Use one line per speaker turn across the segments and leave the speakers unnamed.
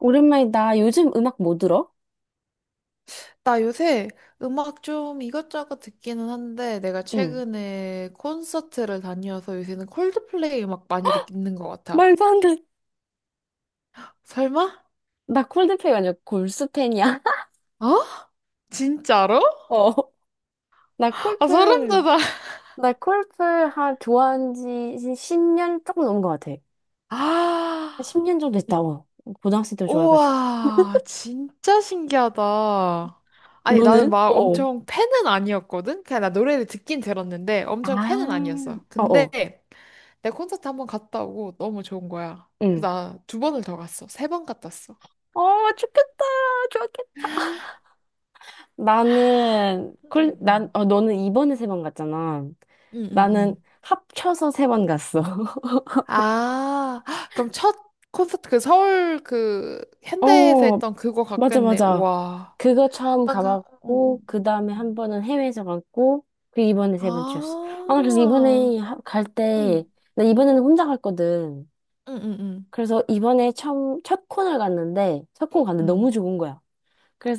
오랜만이다. 요즘 음악 뭐 들어?
나 요새 음악 좀 이것저것 듣기는 한데 내가
응.
최근에 콘서트를 다녀서 요새는 콜드플레이 음악 많이 듣는 것 같아.
말도 안 돼.
설마?
나 콜드플레이가 아니라 골수 팬이야.
어? 진짜로?
어. 나
아, 소름
콜플,
돋아.
나 콜플 한 좋아한 지 10년 조금 넘은 것 같아.
아,
10년 정도
이-
됐다. 어. 고등학생 때 좋아해가지고.
우와, 진짜 신기하다. 아니, 나는
너는?
막
어어.
엄청 팬은 아니었거든. 그냥 나 노래를 듣긴 들었는데 엄청 팬은
아.
아니었어. 근데
어어.
내 콘서트 한 번 갔다 오고 너무 좋은 거야. 그래서
응.
나 두 번을 더 갔어. 세 번 갔다 왔어.
어, 좋겠다. 좋겠다. 나는, 콜, 난,
음,
어, 너는 이번에 세 번 갔잖아.
응응응.
나는 합쳐서 세 번 갔어.
아, 헉, 그럼 첫 콘서트 그 서울 그 현대에서
어,
했던 그거
맞아,
같겠네.
맞아.
와,
그거 처음
아까 음, 음,
가봤고, 그
음,
다음에 한
음.
번은 해외에서 갔고, 그리고 이번에 세 번째였어. 아, 나 그래서
아.
이번에 갈 때,
응.
나
응.
이번에는 혼자 갔거든.
응응 응. 응.
그래서 첫 콘을 갔는데, 첫 콘
응.
갔는데 너무
응.
좋은 거야.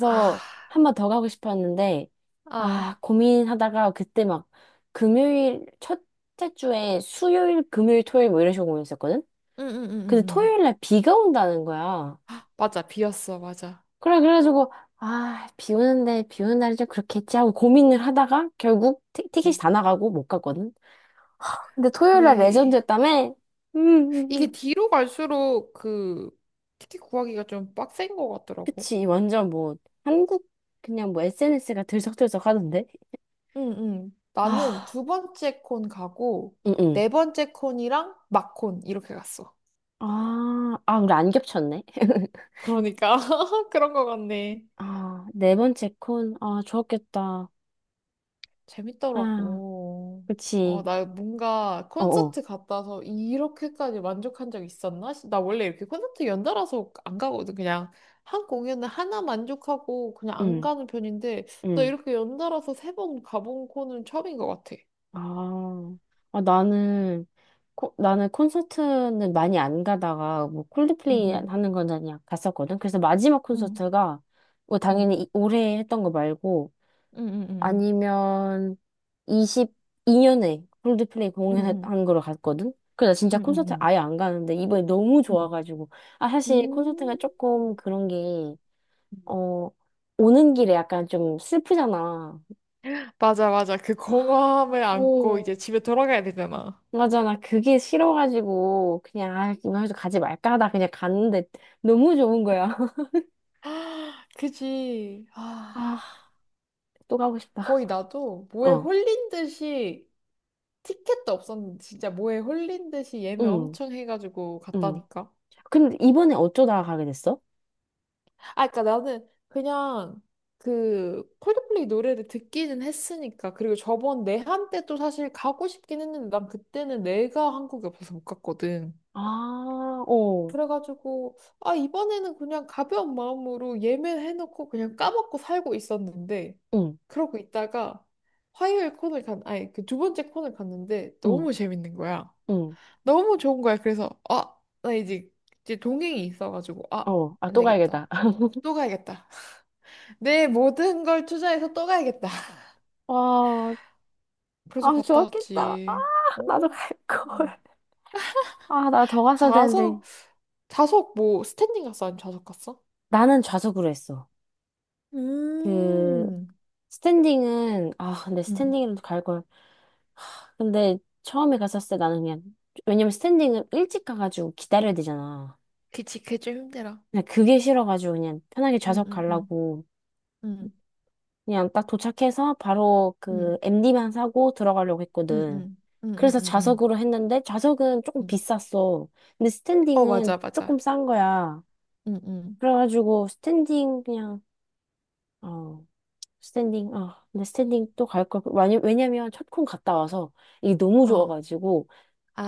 아.
한 번 더 가고 싶었는데,
아.
아, 고민하다가 그때 막 금요일, 첫째 주에 수요일, 금요일, 토요일 뭐 이런 식으로 고민했었거든? 근데
응응응응응.
토요일 날 비가 온다는 거야.
맞아. 비었어. 맞아.
그래, 그래가지고, 아, 비 오는 날이 좀 그렇겠지 하고 고민을 하다가 결국
응.
티켓이 다 나가고 못 갔거든. 근데 토요일 날
그래.
레전드였다며? 음, 음,
이게
음.
뒤로 갈수록 그 티켓 구하기가 좀 빡센 것 같더라고.
그치. 한국, 그냥 뭐 SNS가 들썩들썩 하던데?
응, 응. 나는
아,
두 번째 콘 가고,
응, 응.
네 번째 콘이랑 막 콘, 이렇게 갔어.
아, 아, 우리 안 겹쳤네.
그러니까, 그런 거 같네.
아, 네 번째 콘. 아, 좋았겠다. 아,
재밌더라고. 어,
그치.
나 뭔가
어어.
콘서트 갔다 와서 이렇게까지 만족한 적 있었나? 나 원래 이렇게 콘서트 연달아서 안 가거든. 그냥 한 공연을 하나 만족하고 그냥 안
응,
가는 편인데, 나
응.
이렇게 연달아서 세 번 가본 콘은 처음인 것 같아.
아, 아, 나는 콘서트는 많이 안 가다가 뭐
응,
콜드플레이
응,
하는 건 그냥 갔었거든. 그래서 마지막
응,
콘서트가 뭐
응,
당연히 올해 했던 거 말고
응, 응,
아니면 22년에 콜드플레이
응, 응, 응,
공연한 거로 갔거든. 그래서 나
응,
진짜
응.
콘서트
응,
아예 안 가는데 이번에 너무
응.
좋아가지고 아 사실 콘서트가
음.
조금 그런 게 어 오는 길에 약간 좀 슬프잖아.
맞아, 맞아. 그 공허함을 안고
어,
이제 집에 돌아가야 되잖아.
맞아, 나 그게 싫어가지고, 그냥, 아, 이번 주 가지 말까 하다 그냥 갔는데 너무 좋은 거야.
아, 그지. 아,
아, 또 가고 싶다.
거의 나도 뭐에
어,
홀린 듯이 티켓도 없었는데 진짜 뭐에 홀린 듯이 예매
응,
엄청 해가지고
응.
갔다니까.
근데 이번에 어쩌다가 가게 됐어?
아, 그러니까 나는 그냥 그 콜드플레이 노래를 듣기는 했으니까, 그리고 저번 내한 때도 사실 가고 싶긴 했는데 난 그때는 내가 한국에 없어서 못 갔거든.
아, 오,
그래가지고, 아, 이번에는 그냥 가벼운 마음으로 예매해놓고 그냥 까먹고 살고 있었는데,
응,
그러고 있다가 화요일 코너를 간, 아니, 그 두 번째 코너를 갔는데
응,
너무 재밌는 거야.
응.
너무 좋은 거야. 그래서, 아, 나 이제, 이제 동행이 있어가지고, 아,
어, 아,
안
또
되겠다.
가야겠다.
또 가야겠다. 내 모든 걸 투자해서 또 가야겠다.
와,
그래서
아,
갔다
좋았겠다. 아,
왔지.
나도
어.
갈 걸.
음.
아, 나 더 갔어야 되는데.
좌석, 좌석 뭐, 스탠딩 갔어? 아니면 좌석 갔어?
나는 좌석으로 했어. 그,
음.
근데
음.
스탠딩은 갈 걸. 근데 처음에 갔었을 때 나는 그냥 왜냐면 스탠딩을 일찍 가가지고 기다려야 되잖아.
그치, 그게 좀 힘들어.
그냥 그게 싫어가지고 그냥 편하게
응,
좌석
응, 응,
가려고
응,
그냥 딱 도착해서 바로
응,
그 MD만 사고 들어가려고
응,
했거든.
응, 응, 응,
그래서
응, 응
좌석으로 했는데 좌석은 조금
응.
비쌌어. 근데
어,
스탠딩은
맞아,
조금
맞아.
싼 거야.
응, 응,
그래가지고 스탠딩 그냥 어 스탠딩 아 근데 스탠딩 또 갈 걸. 왜냐면 첫콘 갔다 와서 이게 너무
어.
좋아가지고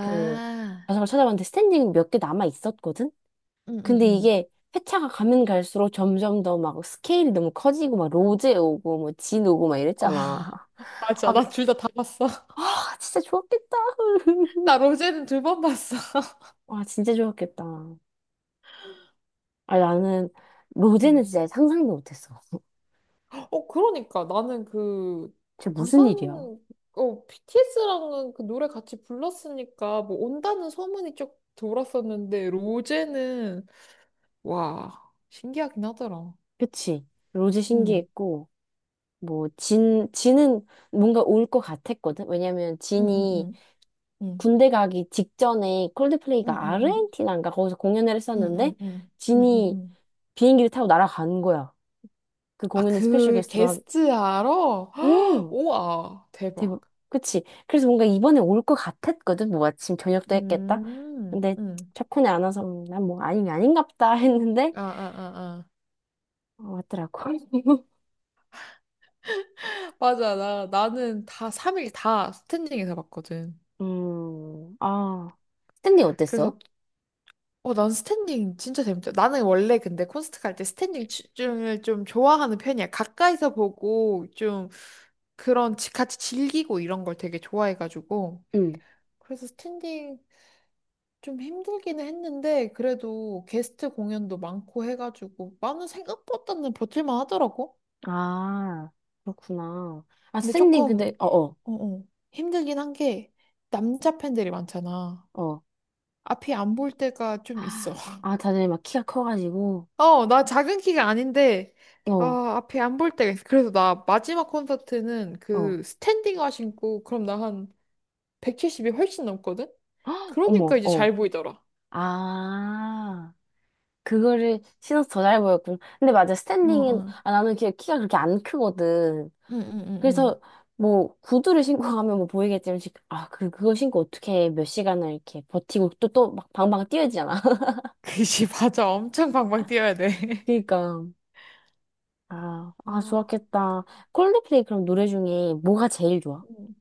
그 좌석을 찾아봤는데 스탠딩 몇 개 남아 있었거든?
응, 응,
근데
응.
이게 회차가 가면 갈수록 점점 더 막 스케일이 너무 커지고 막 로제 오고 뭐 진 오고 막 이랬잖아.
아아, 맞아.
아,
나 둘 다 다 봤어.
아 진짜 좋았겠다.
나 로제는 두 번 봤어.
와 진짜 좋았겠다. 아 나는 로제는
응.
진짜 상상도 못했어.
어, 그러니까. 나는 그
진짜 무슨
방탄,
일이야?
어, BTS랑은 그 노래 같이 불렀으니까, 뭐, 온다는 소문이 쭉 돌았었는데, 로제는, 와, 신기하긴 하더라.
그치? 로제
응,
신기했고 뭐 진은 뭔가 올 것 같았거든? 왜냐면
응, 응,
진이
응, 응.
군대 가기 직전에 콜드플레이가
응응응.
아르헨티나인가 거기서 공연을 했었는데
응응응.
진이
응응응.
비행기를 타고 날아간 거야. 그
아,
공연을 스페셜
그
게스트로 하.
게스트 알아?
음,
우와, 대박.
대박. 그치. 그래서 뭔가 이번에 올 것 같았거든. 뭐 아침 저녁도 했겠다.
음,
근데
음.
척훈이 안 와서 난뭐 아닌 게 아닌갑다 했는데
아, 아, 아,
어, 왔더라고.
아. 맞아. 나는 다 3일 다 스탠딩에서 봤거든.
아, 스탠딩 어땠어?
그래서, 어, 난 스탠딩 진짜 재밌다. 나는 원래 근데 콘서트 갈 때 스탠딩 춤을 좀 좋아하는 편이야. 가까이서 보고 좀 같이 즐기고 이런 걸 되게 좋아해가지고.
응.
그래서 스탠딩 좀 힘들기는 했는데 그래도 게스트 공연도 많고 해가지고 나는 생각보다는 버틸만 하더라고.
아, 그렇구나. 아,
근데
스탠딩 근데
조금
어어
어, 어, 힘들긴 한 게 남자 팬들이 많잖아.
어. 어, 어.
앞이 안 볼 때가 좀 있어.
아, 다들 막 키가 커가지고.
어, 나 작은 키가 아닌데
어,
아, 앞이 안 볼 때가 있어. 그래서 나 마지막 콘서트는
어,
그 스탠딩화 신고 그럼 나 한 170이 훨씬 넘거든? 그러니까
어머,
이제
어.
잘 보이더라.
아, 그거를 신어서 더 잘 보였군. 근데 맞아,
어,
스탠딩은,
어.
아, 나는 이렇게 키가 그렇게 안 크거든.
응, 응, 응, 응.
그래서, 뭐, 구두를 신고 가면 뭐 보이겠지만, 그거 신고 어떻게 몇 시간을 이렇게 버티고 또, 또 막 방방 뛰어지잖아.
그지, 맞아. 엄청 방방 뛰어야 돼.
그니까. 아, 아,
아,
좋았겠다. 콜드플레이 그럼 노래 중에 뭐가 제일 좋아?
음.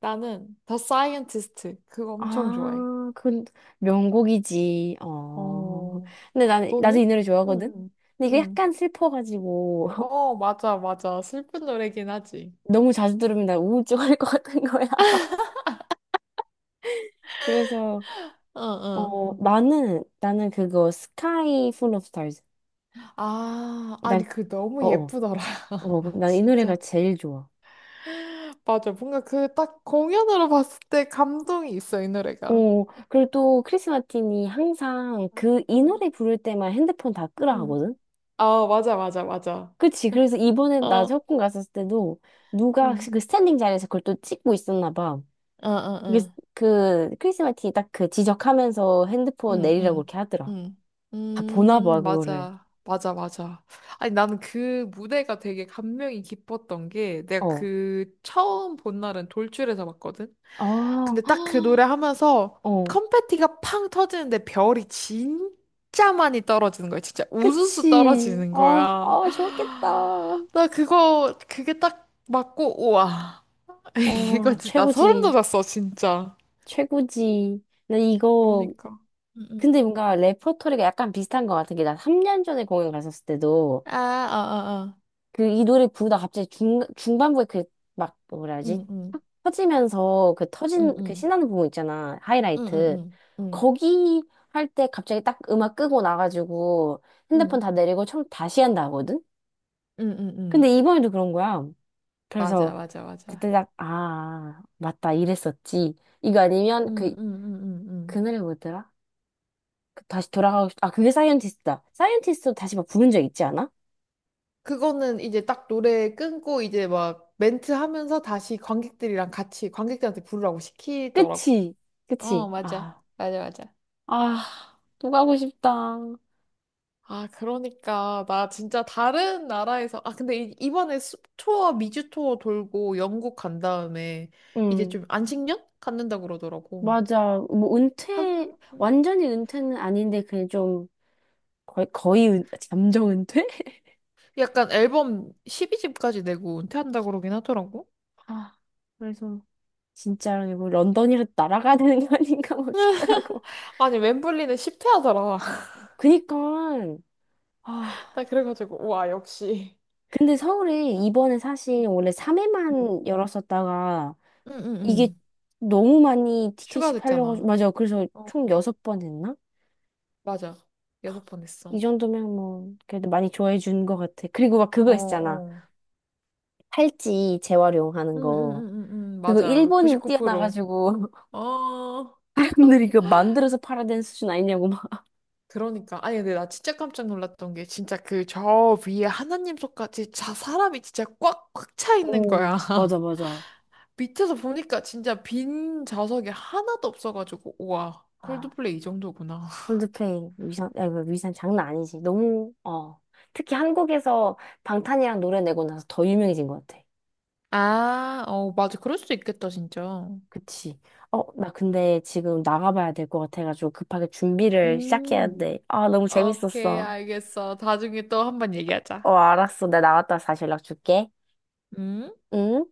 나는 더 사이언티스트 그거 엄청 좋아해.
아, 그, 명곡이지. 어.
어,
나도 이
너는?
노래
응,
좋아하거든?
응,
근데 이게
응.
약간 슬퍼가지고.
어, 맞아, 맞아. 슬픈 노래긴 하지.
너무 자주 들으면 나 우울증할 것 같은 거야. 그래서
응, 응.
나는 그거 스카이 풀 오브 스타즈.
아,
난
아니, 그 너무
어어
예쁘더라.
난 이 노래가
진짜.
제일 좋아.
맞아. 뭔가 그 딱 공연으로 봤을 때 감동이 있어, 이 노래가.
어 그리고 또 크리스 마틴이 항상
응,
그 이
응.
노래 부를 때만 핸드폰 다 끄라
응.
하거든.
아, 맞아, 맞아, 맞아.
그치. 그래서 이번에 나
어,
적군 갔었을 때도 누가
응.
그 스탠딩 자리에서 그걸 또 찍고 있었나 봐.
어, 어,
그래서
어.
그 크리스 마틴이 딱 그 지적하면서 핸드폰
응,
내리라고
응,
이렇게 하더라.
응.
다 보나 봐 그거를.
맞아. 맞아, 맞아. 아니, 나는 그 무대가 되게 감명이 깊었던 게, 내가
어.
그 처음 본 날은 돌출에서 봤거든?
아,
근데 딱 그 노래 하면서
어,
컴패티가 팡 터지는데 별이 진짜 많이 떨어지는 거야. 진짜 우수수
그치.
떨어지는
아,
거야.
아, 좋겠다.
나 그거, 그게 딱 맞고, 우와. 이거
어,
진짜 나 소름
최고지.
돋았어, 진짜.
최고지.
그러니까. 응, 응.
근데 뭔가 레퍼토리가 약간 비슷한 것 같은 게, 나 3년 전에 공연 갔었을 때도,
아, 아, 아, 아.
이 노래 부르다 갑자기 중반부에 뭐라 하지?
응, 응.
탁 터지면서, 그 터진,
응응
그 신나는 부분 있잖아.
응응응
하이라이트. 거기 할 때 갑자기 딱 음악 끄고 나가지고,
응응
핸드폰 다 내리고 처음 다시 한다 하거든?
응응응
근데 이번에도 그런 거야.
맞아
그래서
맞아 맞아
그때 딱, 아, 맞다, 이랬었지. 이거 아니면 그,
응응응응응.
그 노래 뭐더라? 그 다시 돌아가고 싶, 아, 그게 사이언티스트다. 사이언티스트 다시 막 부른 적 있지 않아?
그거는 이제 딱 노래 끊고 이제 막 멘트 하면서 다시 관객들이랑 같이 관객들한테 부르라고 시키더라고.
그치,
어,
그치.
맞아.
아,
맞아, 맞아.
아, 또 가고 싶다.
아, 그러니까 나 진짜 다른 나라에서, 아 근데 이번에 투어 미주 투어 돌고 영국 간 다음에 이제
응,
좀 안식년 갖는다 그러더라고.
맞아.
하긴
완전히 은퇴는 아닌데, 그냥 좀, 잠정 은퇴?
약간 앨범 12집까지 내고 은퇴한다 그러긴 하더라고.
아, 그래서, 진짜, 이거 런던이라도 날아가야 되는 거 아닌가 막 싶더라고.
아니, 웸블리는 10퇴 하더라.
그니까, 아.
나 그래가지고, 와, 역시.
근데 서울에 이번에 사실 원래
응,
3회만 열었었다가
응,
이게
응.
너무 많이 티켓이
휴가
팔려가지고
됐잖아.
맞아 그래서
어,
총 6번 했나?
맞아. 여섯 번 했어.
이 정도면 뭐 그래도 많이 좋아해 준 것 같아 그리고 막
어,
그거 있잖아
어.
팔찌 재활용하는
응, 응,
거
응, 응, 응.
그거
맞아.
일본을
99%.
뛰어나가지고
어,
사람들이 이거 만들어서 팔아야 되는 수준 아니냐고 막
그러니까. 아니, 근데 나 진짜 깜짝 놀랐던 게, 진짜 그 저 위에 하나님 손까지 자, 사람이 진짜 꽉 차 있는
오,
거야.
맞아 맞아
밑에서 보니까 진짜 빈 좌석이 하나도 없어가지고, 우와,
아
콜드플레이 이 정도구나.
콜드플레이 위상 아 이거 위상 장난 아니지 너무 어 특히 한국에서 방탄이랑 노래 내고 나서 더 유명해진 것 같아
아, 어, 맞아. 그럴 수도 있겠다, 진짜.
그치. 어, 나 근데 지금 나가봐야 될 것 같아가지고 급하게 준비를 시작해야
음,
돼. 아, 너무
오케이,
재밌었어.
알겠어. 나중에 또 한번 얘기하자.
어, 알았어. 나 나갔다 다시 연락 줄게.
음.
응?